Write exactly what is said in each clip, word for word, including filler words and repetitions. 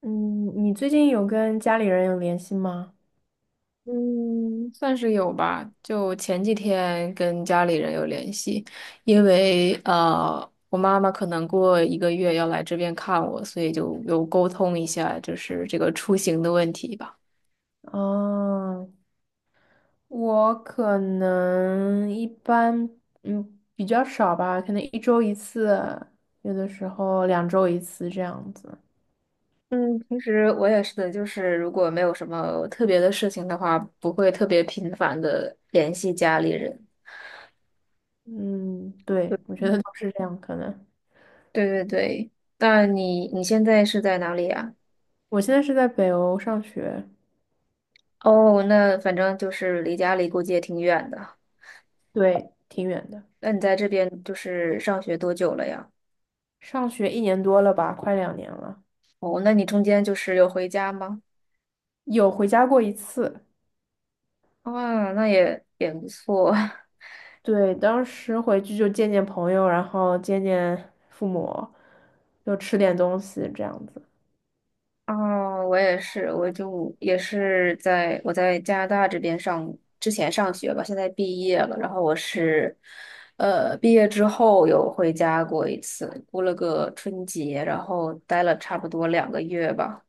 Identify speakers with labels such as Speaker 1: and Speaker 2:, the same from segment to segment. Speaker 1: 嗯，你最近有跟家里人有联系吗？
Speaker 2: 嗯，算是有吧。就前几天跟家里人有联系，因为呃，我妈妈可能过一个月要来这边看我，所以就有沟通一下，就是这个出行的问题吧。
Speaker 1: 哦，我可能一般，嗯，比较少吧，可能一周一次，有的时候两周一次这样子。
Speaker 2: 嗯，平时我也是的，就是如果没有什么特别的事情的话，不会特别频繁的联系家里人。
Speaker 1: 嗯，对，我
Speaker 2: 对
Speaker 1: 觉得都是这样，可能。
Speaker 2: 对对对，那你你现在是在哪里啊？
Speaker 1: 我现在是在北欧上学，
Speaker 2: 哦，那反正就是离家里估计也挺远的。
Speaker 1: 对，挺远的，
Speaker 2: 那你在这边就是上学多久了呀？
Speaker 1: 上学一年多了吧，快两年了，
Speaker 2: 哦，那你中间就是有回家吗？
Speaker 1: 有回家过一次。
Speaker 2: 啊，那也也不错。
Speaker 1: 对，当时回去就见见朋友，然后见见父母，就吃点东西这样子。
Speaker 2: 啊。我也是，我就也是在我在加拿大这边上，之前上学吧，现在毕业了。然后我是，呃，毕业之后有回家过一次，过了个春节，然后待了差不多两个月吧，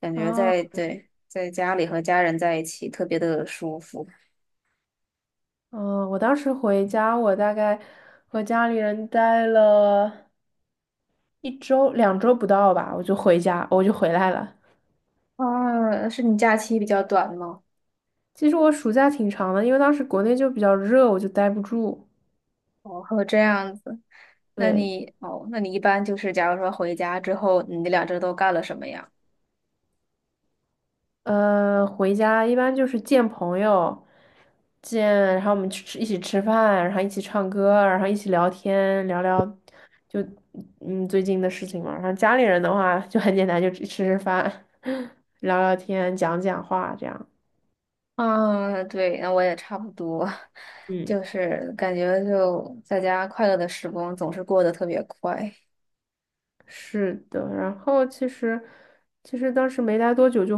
Speaker 2: 感觉
Speaker 1: 啊，
Speaker 2: 在对在家里和家人在一起特别的舒服。
Speaker 1: 嗯，我当时回家，我大概和家里人待了一周、两周不到吧，我就回家，我就回来了。
Speaker 2: 啊，是你假期比较短吗？
Speaker 1: 其实我暑假挺长的，因为当时国内就比较热，我就待不住。
Speaker 2: 哦，还有这样子，那
Speaker 1: 对。
Speaker 2: 你哦，那你一般就是假如说回家之后，你那两周都干了什么呀？
Speaker 1: 呃，回家一般就是见朋友，见，然后我们去吃，一起吃饭，然后一起唱歌，然后一起聊天，聊聊就嗯最近的事情嘛。然后家里人的话就很简单，就吃吃饭，聊聊天，讲讲话这样。
Speaker 2: 啊，对，那我也差不多，
Speaker 1: 嗯，
Speaker 2: 就是感觉就在家快乐的时光总是过得特别快。
Speaker 1: 是的。然后其实其实当时没待多久就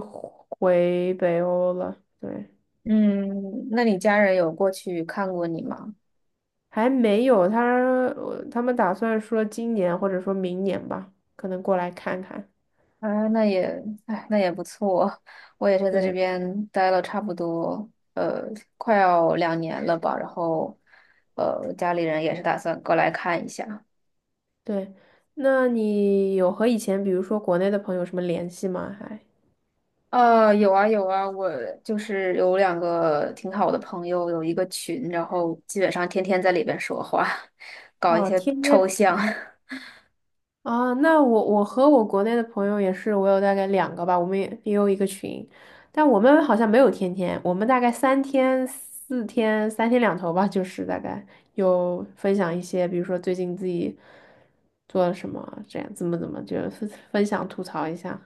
Speaker 1: 回北欧了，对，
Speaker 2: 嗯，那你家人有过去看过你吗？
Speaker 1: 还没有他，呃他们打算说今年或者说明年吧，可能过来看看。
Speaker 2: 啊，那也，哎，那也不错。我也是在这
Speaker 1: 对。
Speaker 2: 边待了差不多，呃，快要两年了吧。然后，呃，家里人也是打算过来看一下。
Speaker 1: 对，那你有和以前，比如说国内的朋友什么联系吗？还
Speaker 2: 呃，有啊有啊，我就是有两个挺好的朋友，有一个群，然后基本上天天在里边说话，搞一
Speaker 1: 哦，
Speaker 2: 些
Speaker 1: 天
Speaker 2: 抽
Speaker 1: 天
Speaker 2: 象。
Speaker 1: 啊，那我我和我国内的朋友也是，我有大概两个吧，我们也也有一个群，但我们好像没有天天，我们大概三天、四天、三天两头吧，就是大概有分享一些，比如说最近自己做了什么，这样怎么怎么，就是分享吐槽一下。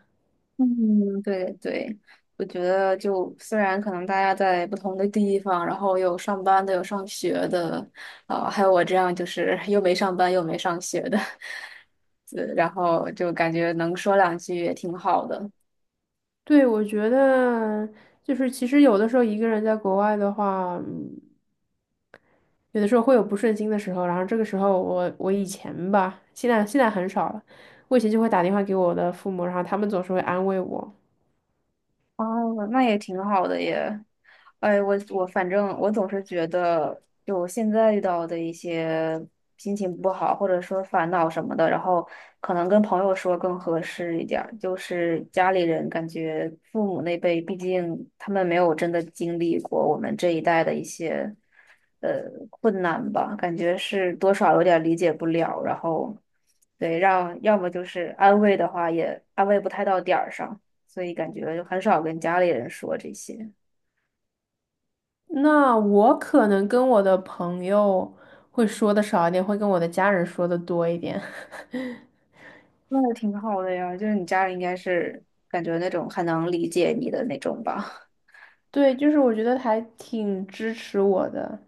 Speaker 2: 嗯，对对，我觉得就虽然可能大家在不同的地方，然后有上班的，有上学的，啊、还有我这样就是又没上班又没上学的，呃然后就感觉能说两句也挺好的。
Speaker 1: 对，我觉得就是其实有的时候一个人在国外的话。有的时候会有不顺心的时候，然后这个时候我我以前吧，现在现在很少了，我以前就会打电话给我的父母，然后他们总是会安慰我。
Speaker 2: 哦，那也挺好的耶。哎，我我反正我总是觉得，就我现在遇到的一些心情不好，或者说烦恼什么的，然后可能跟朋友说更合适一点儿。就是家里人感觉父母那辈，毕竟他们没有真的经历过我们这一代的一些呃困难吧，感觉是多少有点理解不了。然后对，让要么就是安慰的话也安慰不太到点儿上。所以感觉就很少跟家里人说这些。
Speaker 1: 那我可能跟我的朋友会说的少一点，会跟我的家人说的多一点。
Speaker 2: 那也挺好的呀，就是你家人应该是感觉那种很能理解你的那种吧？
Speaker 1: 对，就是我觉得还挺支持我的。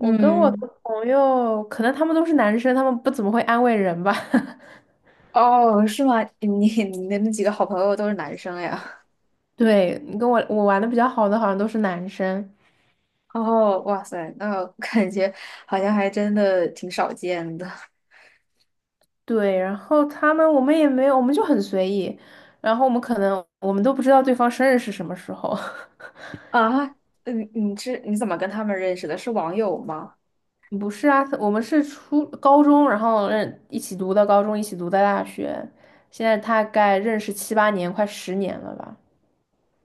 Speaker 1: 跟我的
Speaker 2: 嗯，
Speaker 1: 朋友，可能他们都是男生，他们不怎么会安慰人吧。
Speaker 2: 哦，是吗？你你的那几个好朋友都是男生呀？
Speaker 1: 对，你跟我我玩的比较好的，好像都是男生。
Speaker 2: 哦，哇塞，那感觉好像还真的挺少见的
Speaker 1: 对，然后他们我们也没有，我们就很随意，然后我们可能我们都不知道对方生日是什么时候。
Speaker 2: 啊。嗯，你是你怎么跟他们认识的？是网友吗？
Speaker 1: 不是啊，我们是初高中，然后认一起读的高中，一起读的大学，现在大概认识七八年，快十年了吧。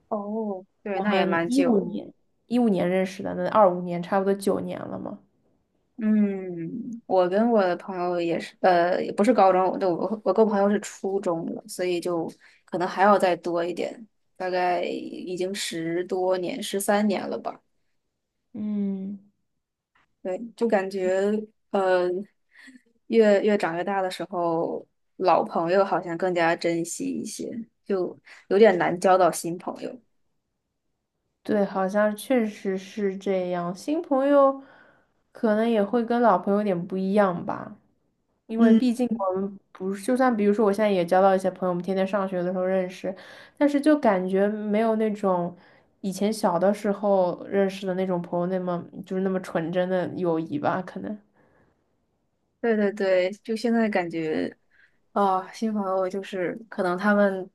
Speaker 2: 哦，对，
Speaker 1: 我
Speaker 2: 那也
Speaker 1: 们
Speaker 2: 蛮
Speaker 1: 一五
Speaker 2: 久。
Speaker 1: 年一五年认识的，那二五年差不多九年了嘛。
Speaker 2: 嗯，我跟我的朋友也是，呃，也不是高中，对，我我跟我朋友是初中了，所以就可能还要再多一点，大概已经十多年，十三年了吧。
Speaker 1: 嗯，
Speaker 2: 对，就感觉呃，越越长越大的时候，老朋友好像更加珍惜一些，就有点难交到新朋友。
Speaker 1: 对，好像确实是这样。新朋友可能也会跟老朋友有点不一样吧，因为
Speaker 2: 嗯，
Speaker 1: 毕竟我们不是，就算比如说我现在也交到一些朋友，我们天天上学的时候认识，但是就感觉没有那种以前小的时候认识的那种朋友那么就是那么纯真的友谊吧，可能
Speaker 2: 对对对，就现在感觉。哦，新朋友就是可能他们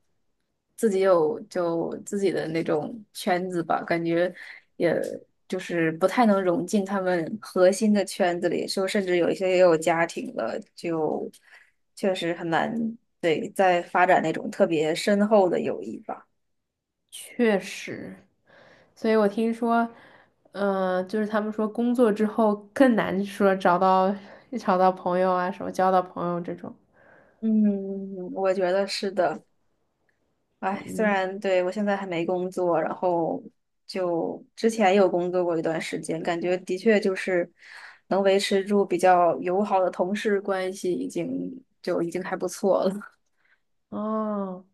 Speaker 2: 自己有就自己的那种圈子吧，感觉也就是不太能融进他们核心的圈子里，就甚至有一些也有家庭了，就确实很难，对，再发展那种特别深厚的友谊吧。
Speaker 1: 确实。所以我听说，嗯、就是他们说工作之后更难说找到 找到朋友啊，什么交到朋友这种。
Speaker 2: 嗯，我觉得是的。哎，虽然对我现在还没工作，然后就之前有工作过一段时间，感觉的确就是能维持住比较友好的同事关系，已经就已经还不错了。
Speaker 1: 哦，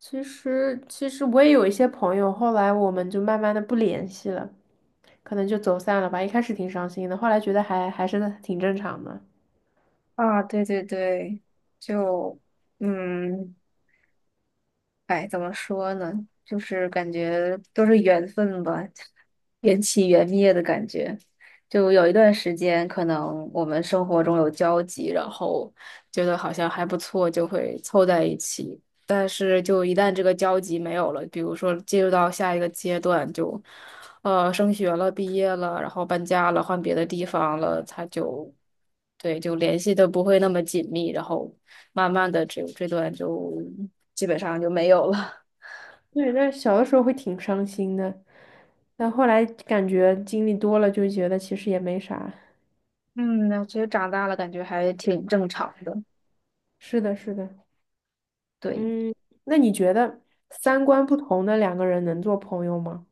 Speaker 1: 其实其实我也有一些朋友，后来我们就慢慢的不联系了，可能就走散了吧。一开始挺伤心的，后来觉得还还是挺正常的。
Speaker 2: 啊，对对对，就嗯，哎，怎么说呢？就是感觉都是缘分吧。缘起缘灭的感觉。就有一段时间，可能我们生活中有交集，然后觉得好像还不错，就会凑在一起。但是，就一旦这个交集没有了，比如说进入到下一个阶段，就呃升学了、毕业了，然后搬家了、换别的地方了，他就对就联系的不会那么紧密，然后慢慢的这这段就基本上就没有了。
Speaker 1: 对，但是小的时候会挺伤心的，但后来感觉经历多了，就觉得其实也没啥。
Speaker 2: 嗯，那其实长大了感觉还挺正常的，
Speaker 1: 是的，是的。
Speaker 2: 对。
Speaker 1: 嗯，那你觉得三观不同的两个人能做朋友吗？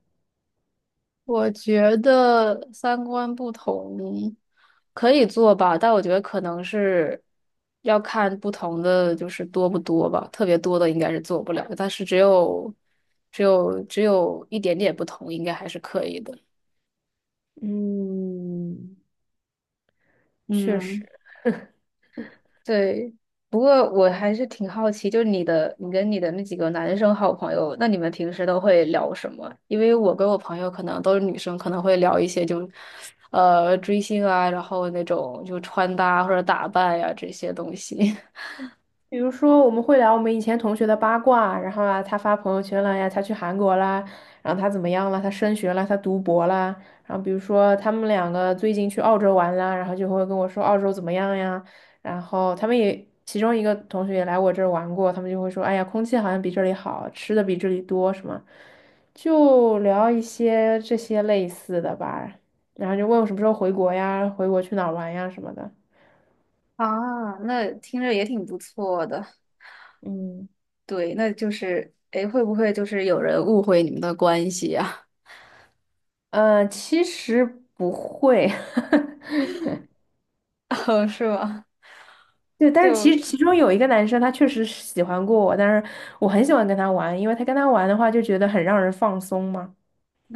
Speaker 2: 我觉得三观不同可以做吧，但我觉得可能是要看不同的，就是多不多吧。特别多的应该是做不了，但是只有只有只有一点点不同，应该还是可以的。
Speaker 1: 嗯，确实。
Speaker 2: 嗯。对，不过我还是挺好奇，就是你的，你跟你的那几个男生好朋友，那你们平时都会聊什么？因为我跟我朋友可能都是女生，可能会聊一些就，呃，追星啊，然后那种就穿搭或者打扮呀、这些东西。
Speaker 1: 比如说，我们会聊我们以前同学的八卦，然后啊，他发朋友圈了呀，他去韩国啦，然后他怎么样了，他升学了，他读博啦，然后比如说他们两个最近去澳洲玩啦，然后就会跟我说澳洲怎么样呀，然后他们也其中一个同学也来我这儿玩过，他们就会说，哎呀，空气好像比这里好，吃的比这里多什么，就聊一些这些类似的吧，然后就问我什么时候回国呀，回国去哪儿玩呀什么的，
Speaker 2: 啊，那听着也挺不错的。
Speaker 1: 嗯。
Speaker 2: 对，那就是，诶，会不会就是有人误会你们的关系呀、
Speaker 1: 呃，其实不会，
Speaker 2: 哦，是吗？
Speaker 1: 对，但是
Speaker 2: 就，
Speaker 1: 其实其中有一个男生，他确实是喜欢过我，但是我很喜欢跟他玩，因为他跟他玩的话就觉得很让人放松嘛。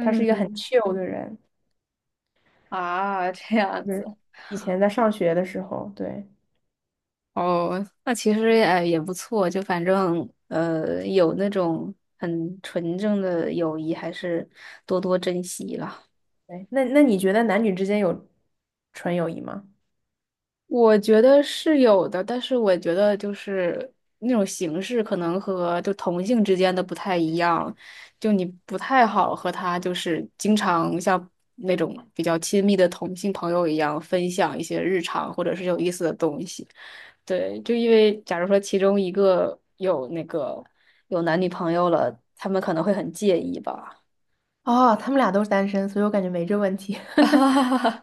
Speaker 1: 他是一个很 chill 的人，
Speaker 2: 啊，这样
Speaker 1: 就
Speaker 2: 子。
Speaker 1: 是以前在上学的时候，对，
Speaker 2: 哦，那其实呃也不错，就反正呃有那种很纯正的友谊，还是多多珍惜了。
Speaker 1: 对，那那你觉得男女之间有纯友谊吗？
Speaker 2: 我觉得是有的，但是我觉得就是那种形式可能和就同性之间的不太一样，就你不太好和他就是经常像那种比较亲密的同性朋友一样分享一些日常或者是有意思的东西。对，就因为假如说其中一个有那个有男女朋友了，他们可能会很介意吧。
Speaker 1: 哦，他们俩都是单身，所以我感觉没这问题。
Speaker 2: 啊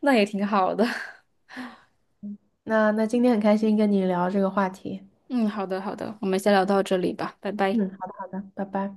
Speaker 2: 那也挺好的。
Speaker 1: 那那今天很开心跟你聊这个话题。
Speaker 2: 嗯，好的，好的，我们先聊到这里吧，拜拜。
Speaker 1: 嗯，好的好的，拜拜。